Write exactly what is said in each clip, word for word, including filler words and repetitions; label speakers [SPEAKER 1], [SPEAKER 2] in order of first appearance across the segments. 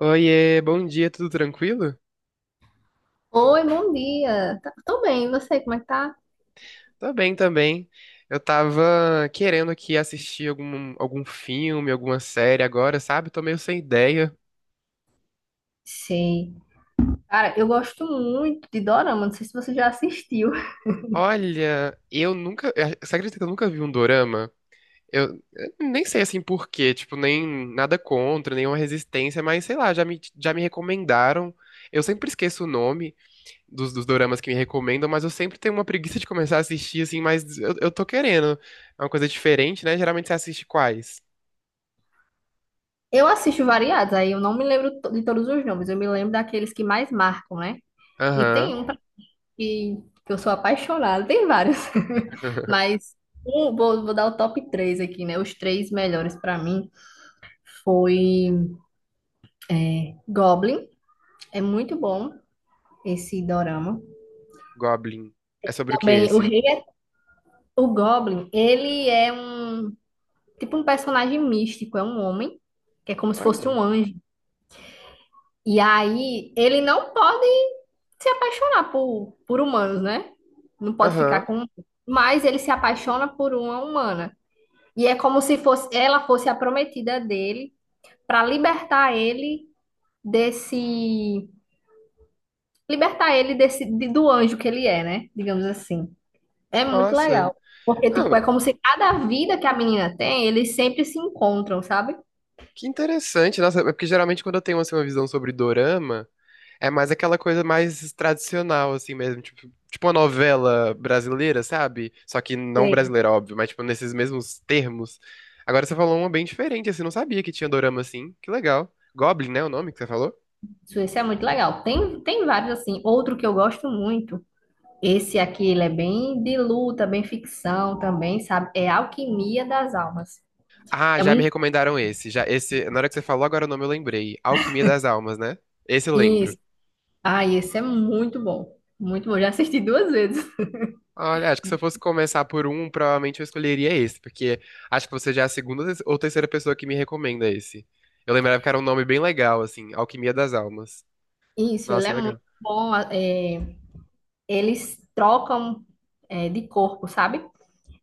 [SPEAKER 1] Oiê, bom dia, tudo tranquilo?
[SPEAKER 2] Oi, bom dia. Tá- Tô bem, e você, como é que tá?
[SPEAKER 1] Tô bem também. Eu tava querendo aqui assistir algum, algum filme, alguma série agora, sabe? Tô meio sem ideia.
[SPEAKER 2] Sei. Cara, eu gosto muito de Dorama, não sei se você já assistiu.
[SPEAKER 1] Olha, eu nunca. eh, Você acredita que eu nunca vi um dorama? Eu, eu nem sei assim por quê, tipo, nem nada contra, nenhuma resistência, mas sei lá, já me, já me recomendaram. Eu sempre esqueço o nome dos, dos doramas que me recomendam, mas eu sempre tenho uma preguiça de começar a assistir, assim, mas eu, eu tô querendo. É uma coisa diferente, né? Geralmente você assiste quais?
[SPEAKER 2] Eu assisto variados, aí eu não me lembro to- de todos os nomes, eu me lembro daqueles que mais marcam, né? E tem
[SPEAKER 1] Aham.
[SPEAKER 2] um pra- que, que eu sou apaixonada, tem vários. Mas um, vou, vou dar o top três aqui, né? Os três melhores pra mim foi é, Goblin, é muito bom esse Dorama.
[SPEAKER 1] Goblin. É sobre o que
[SPEAKER 2] Também o
[SPEAKER 1] esse?
[SPEAKER 2] Rei é, o Goblin, ele é um tipo um personagem místico, é um homem, que é como se fosse um
[SPEAKER 1] Olha.
[SPEAKER 2] anjo. E aí ele não pode se apaixonar por, por humanos, né? Não pode ficar
[SPEAKER 1] Aham.
[SPEAKER 2] com. Mas ele se apaixona por uma humana. E é como se fosse ela fosse a prometida dele para libertar ele desse. Libertar ele desse de- do anjo que ele é, né? Digamos assim. É muito
[SPEAKER 1] Nossa.
[SPEAKER 2] legal. Porque, tipo,
[SPEAKER 1] Não,
[SPEAKER 2] é como se cada vida que a menina tem, eles sempre se encontram, sabe?
[SPEAKER 1] que interessante. Nossa, é porque geralmente quando eu tenho assim, uma visão sobre dorama, é mais aquela coisa mais tradicional, assim mesmo. Tipo, tipo uma novela brasileira, sabe? Só que não brasileira, óbvio, mas tipo nesses mesmos termos. Agora você falou uma bem diferente, assim. Não sabia que tinha dorama assim. Que legal. Goblin, né? O nome que você falou?
[SPEAKER 2] Suíça é muito legal. Tem, tem vários assim. Outro que eu gosto muito. Esse aqui, ele é bem de luta, bem ficção também, sabe? É Alquimia das Almas.
[SPEAKER 1] Ah,
[SPEAKER 2] É
[SPEAKER 1] já me
[SPEAKER 2] muito.
[SPEAKER 1] recomendaram esse. Já esse, na hora que você falou, agora o nome eu lembrei. Alquimia das Almas, né? Esse eu lembro.
[SPEAKER 2] Isso. Ah, esse é muito bom. Muito bom. Já assisti duas vezes.
[SPEAKER 1] Olha, acho que se eu fosse começar por um, provavelmente eu escolheria esse, porque acho que você já é a segunda ou terceira pessoa que me recomenda esse. Eu lembrava que era um nome bem legal, assim, Alquimia das Almas.
[SPEAKER 2] Isso, ele
[SPEAKER 1] Nossa,
[SPEAKER 2] é muito
[SPEAKER 1] legal.
[SPEAKER 2] bom. é, eles trocam, é, de corpo, sabe?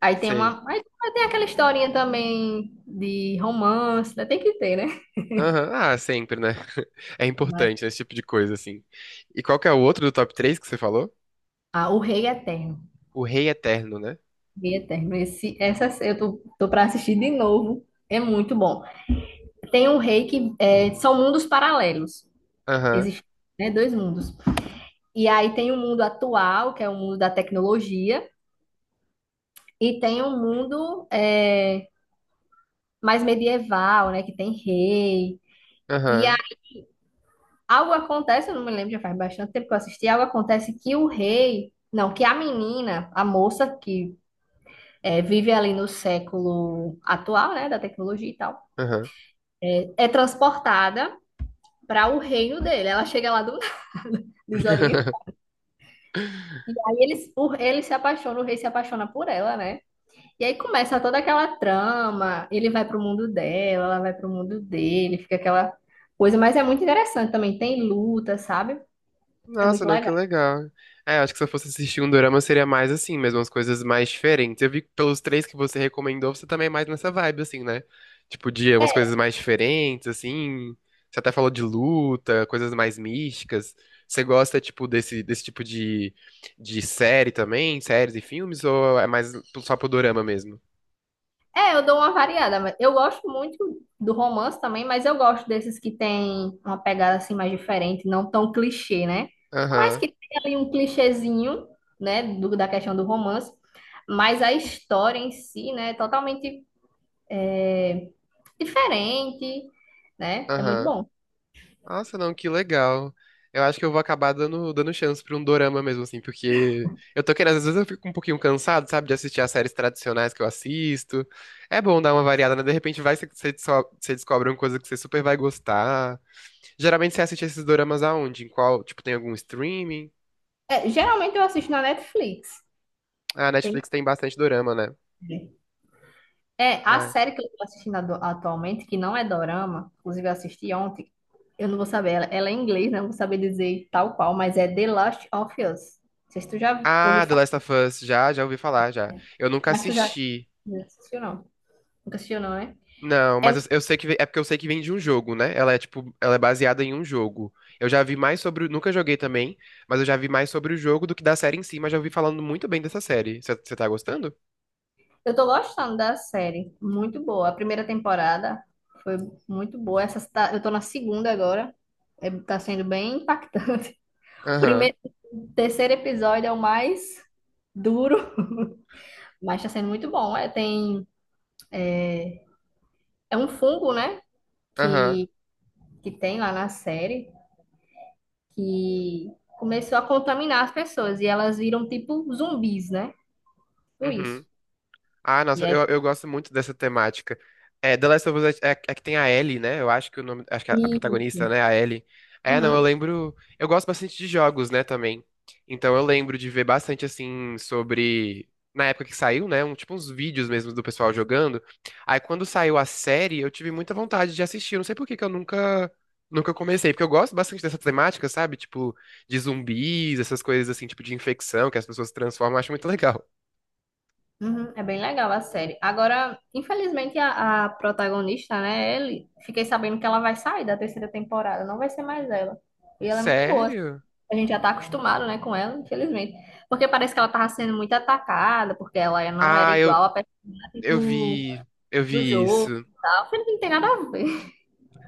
[SPEAKER 2] Aí tem
[SPEAKER 1] Sei.
[SPEAKER 2] uma. Aí tem aquela historinha também de romance, né? Tem que ter, né?
[SPEAKER 1] Aham, ah, sempre, né? É
[SPEAKER 2] Mas,
[SPEAKER 1] importante esse tipo de coisa, assim. E qual que é o outro do top três que você falou?
[SPEAKER 2] ah, O Rei Eterno.
[SPEAKER 1] O Rei Eterno, né?
[SPEAKER 2] Rei Eterno. Esse, essa eu tô, tô para assistir de novo. É muito bom. Tem um rei que é, são mundos paralelos.
[SPEAKER 1] Aham,
[SPEAKER 2] Existem, né, dois mundos. E aí tem o mundo atual, que é o mundo da tecnologia, e tem um mundo é, mais medieval, né, que tem rei. E a-
[SPEAKER 1] aham,
[SPEAKER 2] Algo acontece, eu não me lembro, já faz bastante tempo que eu assisti, algo acontece que o rei, não, que a menina, a moça que é, vive ali no século atual, né, da tecnologia e tal,
[SPEAKER 1] aham.
[SPEAKER 2] é é transportada para o reino dele. Ela chega lá do desorienta. E aí eles, o- ele se apaixona, o rei se apaixona por ela, né? E aí começa toda aquela trama. Ele vai pro mundo dela, ela vai pro mundo dele, fica aquela coisa, mas é muito interessante também. Tem luta, sabe? É
[SPEAKER 1] Nossa,
[SPEAKER 2] muito
[SPEAKER 1] não, que
[SPEAKER 2] legal.
[SPEAKER 1] legal. É, acho que se eu fosse assistir um dorama seria mais assim, mesmo as coisas mais diferentes. Eu vi que pelos três que você recomendou, você também é mais nessa vibe, assim, né? Tipo, de umas coisas mais diferentes, assim. Você até falou de luta, coisas mais místicas. Você gosta, tipo, desse, desse tipo de, de série também? Séries e filmes? Ou é mais só pro dorama mesmo?
[SPEAKER 2] É, eu dou uma variada, mas eu gosto muito do romance também, mas eu gosto desses que tem uma pegada assim mais diferente, não tão clichê, né? Mas
[SPEAKER 1] Aham,
[SPEAKER 2] que tem ali um clichêzinho, né, do- da questão do romance, mas a história em si, né, é totalmente é, diferente, né? É muito
[SPEAKER 1] aham.
[SPEAKER 2] bom.
[SPEAKER 1] Nossa, não, que legal. Eu acho que eu vou acabar dando, dando chance pra um dorama mesmo, assim, porque eu tô querendo, às vezes eu fico um pouquinho cansado, sabe, de assistir as séries tradicionais que eu assisto. É bom dar uma variada, né? De repente vai que você desco- você descobre uma coisa que você super vai gostar. Geralmente você assiste esses doramas aonde? Em qual, tipo, tem algum streaming?
[SPEAKER 2] É, geralmente eu assisto na Netflix.
[SPEAKER 1] Ah, a
[SPEAKER 2] Tem.
[SPEAKER 1] Netflix tem bastante dorama, né?
[SPEAKER 2] É, a
[SPEAKER 1] É.
[SPEAKER 2] série que eu tô assistindo ado- atualmente, que não é dorama, inclusive eu assisti ontem, eu não vou saber, ela, ela é em inglês, né? Não vou saber dizer tal qual, mas é The Last of Us. Não sei se tu já ouviu
[SPEAKER 1] Ah, The
[SPEAKER 2] falar,
[SPEAKER 1] Last of Us, já, já ouvi falar, já. Eu nunca
[SPEAKER 2] mas tu já
[SPEAKER 1] assisti.
[SPEAKER 2] já assistiu, não. Nunca assistiu, não, né?
[SPEAKER 1] Não,
[SPEAKER 2] É,
[SPEAKER 1] mas eu, eu sei que ve- é porque eu sei que vem de um jogo, né? Ela é tipo, ela é baseada em um jogo. Eu já vi mais sobre, o- nunca joguei também, mas eu já vi mais sobre o jogo do que da série em si, mas já ouvi falando muito bem dessa série. Você tá gostando?
[SPEAKER 2] eu tô gostando da série, muito boa. A primeira temporada foi muito boa, essa tá- eu tô na segunda agora, é, tá sendo bem impactante.
[SPEAKER 1] Aham,
[SPEAKER 2] Primeiro, terceiro episódio é o mais duro, mas tá sendo muito bom. É, tem, é um fungo, né?
[SPEAKER 1] aham,
[SPEAKER 2] que, que tem lá na série, que começou a contaminar as pessoas e elas viram tipo zumbis, né? Tudo isso.
[SPEAKER 1] uhum. Ah, nossa,
[SPEAKER 2] E aí.
[SPEAKER 1] eu, eu gosto muito dessa temática. É, The Last of Us é, é- é que tem a Ellie, né? Eu acho que o nome, acho que a, a protagonista,
[SPEAKER 2] Isso.
[SPEAKER 1] né, a Ellie. É, não, eu
[SPEAKER 2] Uhum,
[SPEAKER 1] lembro. Eu gosto bastante de jogos, né, também. Então eu lembro de ver bastante assim sobre na época que saiu, né, um tipo uns vídeos mesmo do pessoal jogando. Aí quando saiu a série, eu tive muita vontade de assistir. Eu não sei por que que eu nunca nunca comecei, porque eu gosto bastante dessa temática, sabe? Tipo de zumbis, essas coisas assim, tipo de infecção que as pessoas se transformam, eu acho muito legal.
[SPEAKER 2] uhum. É bem legal a série. Agora, infelizmente, a, a protagonista, né, ele, fiquei sabendo que ela vai sair da terceira temporada, não vai ser mais ela. E ela é muito boa.
[SPEAKER 1] Sério?
[SPEAKER 2] A gente já tá acostumado, né, com ela, infelizmente. Porque parece que ela tava sendo muito atacada, porque ela não era
[SPEAKER 1] Ah, eu,
[SPEAKER 2] igual a personagem
[SPEAKER 1] eu
[SPEAKER 2] do,
[SPEAKER 1] vi, eu
[SPEAKER 2] do
[SPEAKER 1] vi
[SPEAKER 2] jogo
[SPEAKER 1] isso.
[SPEAKER 2] e tal. Não tem nada a ver.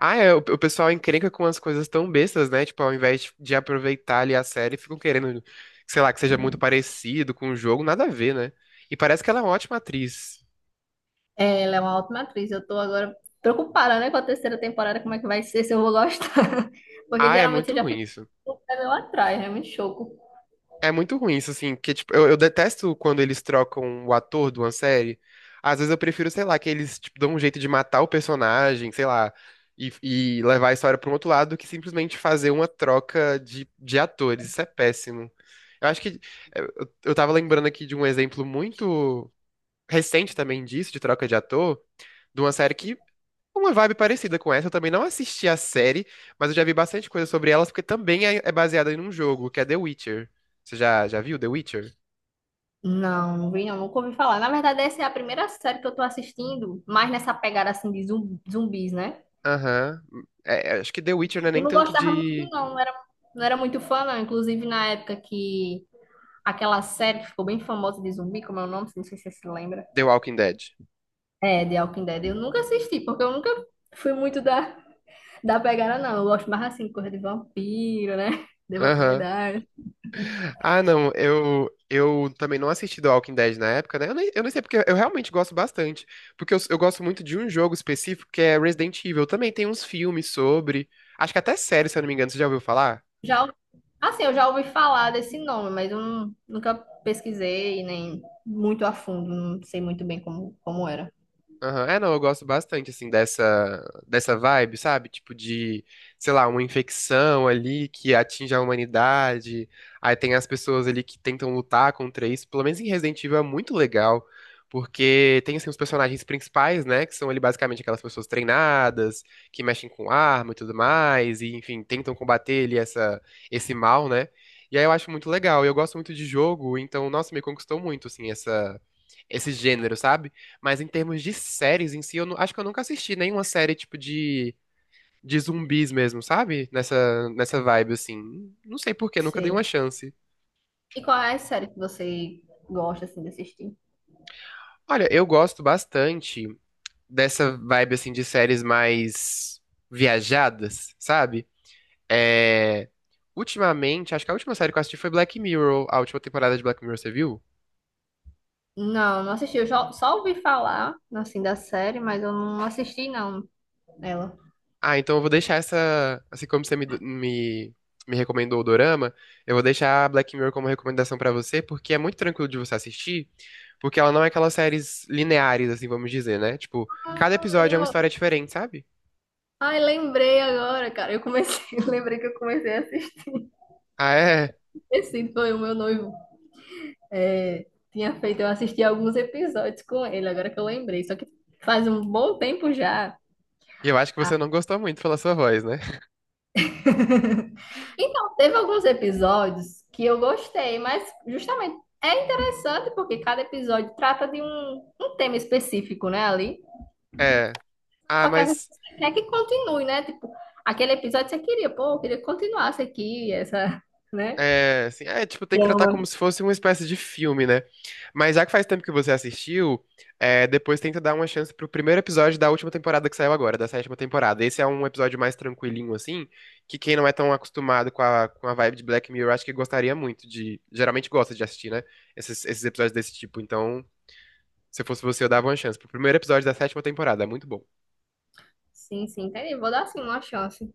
[SPEAKER 1] Ah, é, o, o pessoal encrenca com as coisas tão bestas, né? Tipo, ao invés de, de aproveitar ali a série, ficam querendo, sei lá, que seja muito parecido com o jogo, nada a ver, né? E parece que ela é uma ótima atriz.
[SPEAKER 2] Ela é uma ótima atriz. Eu tô agora preocupada, né, com a terceira temporada, como é que vai ser, se eu vou gostar. Porque
[SPEAKER 1] Ah, é
[SPEAKER 2] geralmente eu
[SPEAKER 1] muito
[SPEAKER 2] já
[SPEAKER 1] ruim
[SPEAKER 2] fico
[SPEAKER 1] isso.
[SPEAKER 2] com o pé meio atrás, né? Muito choco.
[SPEAKER 1] É muito ruim isso, assim, porque, tipo, eu, eu detesto quando eles trocam o ator de uma série. Às vezes eu prefiro, sei lá, que eles, tipo, dão um jeito de matar o personagem, sei lá, e, e levar a história para um outro lado do que simplesmente fazer uma troca de, de atores. Isso é péssimo. Eu acho que. é, Eu, eu tava lembrando aqui de um exemplo muito recente também disso, de troca de ator, de uma série que uma vibe parecida com essa. Eu também não assisti a série, mas eu já vi bastante coisa sobre elas, porque também é é baseada em um jogo, que é The Witcher. Você já, já viu The Witcher?
[SPEAKER 2] Não, não vi, não, nunca ouvi falar. Na verdade, essa é a primeira série que eu tô assistindo, mais nessa pegada assim de zum- zumbis, né?
[SPEAKER 1] Aham. É, acho que The Witcher não é
[SPEAKER 2] Eu
[SPEAKER 1] nem
[SPEAKER 2] não
[SPEAKER 1] tanto
[SPEAKER 2] gostava muito,
[SPEAKER 1] de
[SPEAKER 2] não. Não era, não era muito fã, não. Inclusive, na época que aquela série que ficou bem famosa de zumbi, como é o nome? Não sei se você se lembra.
[SPEAKER 1] The Walking Dead.
[SPEAKER 2] É, The Walking Dead. Eu nunca assisti, porque eu nunca fui muito da. Da pegada, não. Eu gosto mais assim, coisa de vampiro, né? De vampiro.
[SPEAKER 1] Aham. Ah, não, eu, eu também não assisti The Walking Dead na época, né? Eu nem, eu nem sei porque eu realmente gosto bastante. Porque eu, eu gosto muito de um jogo específico que é Resident Evil. Também tem uns filmes sobre. Acho que até série, se eu não me engano, você já ouviu falar?
[SPEAKER 2] Já, ouvi- assim, eu já ouvi falar desse nome, mas eu não- nunca pesquisei, nem muito a fundo. Não sei muito bem como, como era.
[SPEAKER 1] Aham. É, não, eu gosto bastante, assim, dessa, dessa vibe, sabe? Tipo de, sei lá, uma infecção ali que atinge a humanidade. Aí tem as pessoas ali que tentam lutar contra isso. Pelo menos em Resident Evil é muito legal, porque tem, assim, os personagens principais, né? Que são ali basicamente aquelas pessoas treinadas, que mexem com arma e tudo mais, e, enfim, tentam combater ali essa, esse mal, né? E aí eu acho muito legal. Eu gosto muito de jogo, então, nossa, me conquistou muito, assim, essa, esse gênero, sabe? Mas em termos de séries em si, eu nu- acho que eu nunca assisti nenhuma série tipo de, de zumbis mesmo, sabe? Nessa, nessa vibe, assim. Não sei por quê, nunca dei uma
[SPEAKER 2] Sei.
[SPEAKER 1] chance.
[SPEAKER 2] E qual é a série que você gosta, assim, de assistir?
[SPEAKER 1] Olha, eu gosto bastante dessa vibe, assim, de séries mais viajadas, sabe? É... Ultimamente, acho que a última série que eu assisti foi Black Mirror. A última temporada de Black Mirror, você viu?
[SPEAKER 2] Não, não assisti. Eu já- só ouvi falar, assim, da série, mas eu não assisti, não, ela.
[SPEAKER 1] Ah, então eu vou deixar essa. Assim como você me, me, me recomendou o Dorama, eu vou deixar a Black Mirror como recomendação pra você, porque é muito tranquilo de você assistir, porque ela não é aquelas séries lineares, assim, vamos dizer, né? Tipo, cada
[SPEAKER 2] Ah,
[SPEAKER 1] episódio é uma
[SPEAKER 2] eu-
[SPEAKER 1] história diferente, sabe?
[SPEAKER 2] Ai, lembrei agora, cara. Eu comecei, lembrei que eu comecei a assistir.
[SPEAKER 1] Ah, é?
[SPEAKER 2] Esse foi o meu noivo. É, tinha feito, eu assisti alguns episódios com ele, agora que eu lembrei. Só que faz um bom tempo já.
[SPEAKER 1] E eu acho que
[SPEAKER 2] Ah,
[SPEAKER 1] você não gostou muito pela sua voz, né?
[SPEAKER 2] então, teve alguns episódios que eu gostei, mas justamente é interessante porque cada episódio trata de um, um tema específico, né, ali.
[SPEAKER 1] É. Ah,
[SPEAKER 2] Só que às vezes
[SPEAKER 1] mas.
[SPEAKER 2] você quer que continue, né? Tipo, aquele episódio você queria, pô, eu queria que continuasse aqui, essa, né?
[SPEAKER 1] É, assim, é, tipo, tem que tratar como
[SPEAKER 2] Drama.
[SPEAKER 1] se fosse uma espécie de filme, né? Mas já que faz tempo que você assistiu, é, depois tenta dar uma chance pro primeiro episódio da última temporada que saiu agora, da sétima temporada. Esse é um episódio mais tranquilinho, assim, que quem não é tão acostumado com a, com a vibe de Black Mirror, acho que gostaria muito de. Geralmente gosta de assistir, né? Esses, esses episódios desse tipo. Então, se fosse você, eu dava uma chance pro primeiro episódio da sétima temporada. É muito bom.
[SPEAKER 2] Sim, sim, entendi. Vou dar assim uma chance.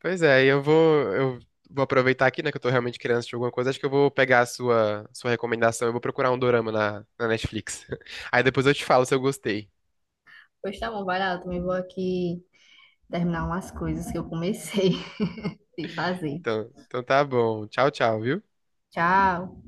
[SPEAKER 1] Pois é, e eu vou, eu vou aproveitar aqui, né, que eu tô realmente querendo assistir alguma coisa. Acho que eu vou pegar a sua, sua recomendação. Eu vou procurar um dorama na, na Netflix. Aí depois eu te falo se eu gostei.
[SPEAKER 2] Pois tá bom, vai lá, eu também vou aqui terminar umas coisas que eu comecei de fazer.
[SPEAKER 1] Então, então tá bom. Tchau, tchau, viu?
[SPEAKER 2] Tchau.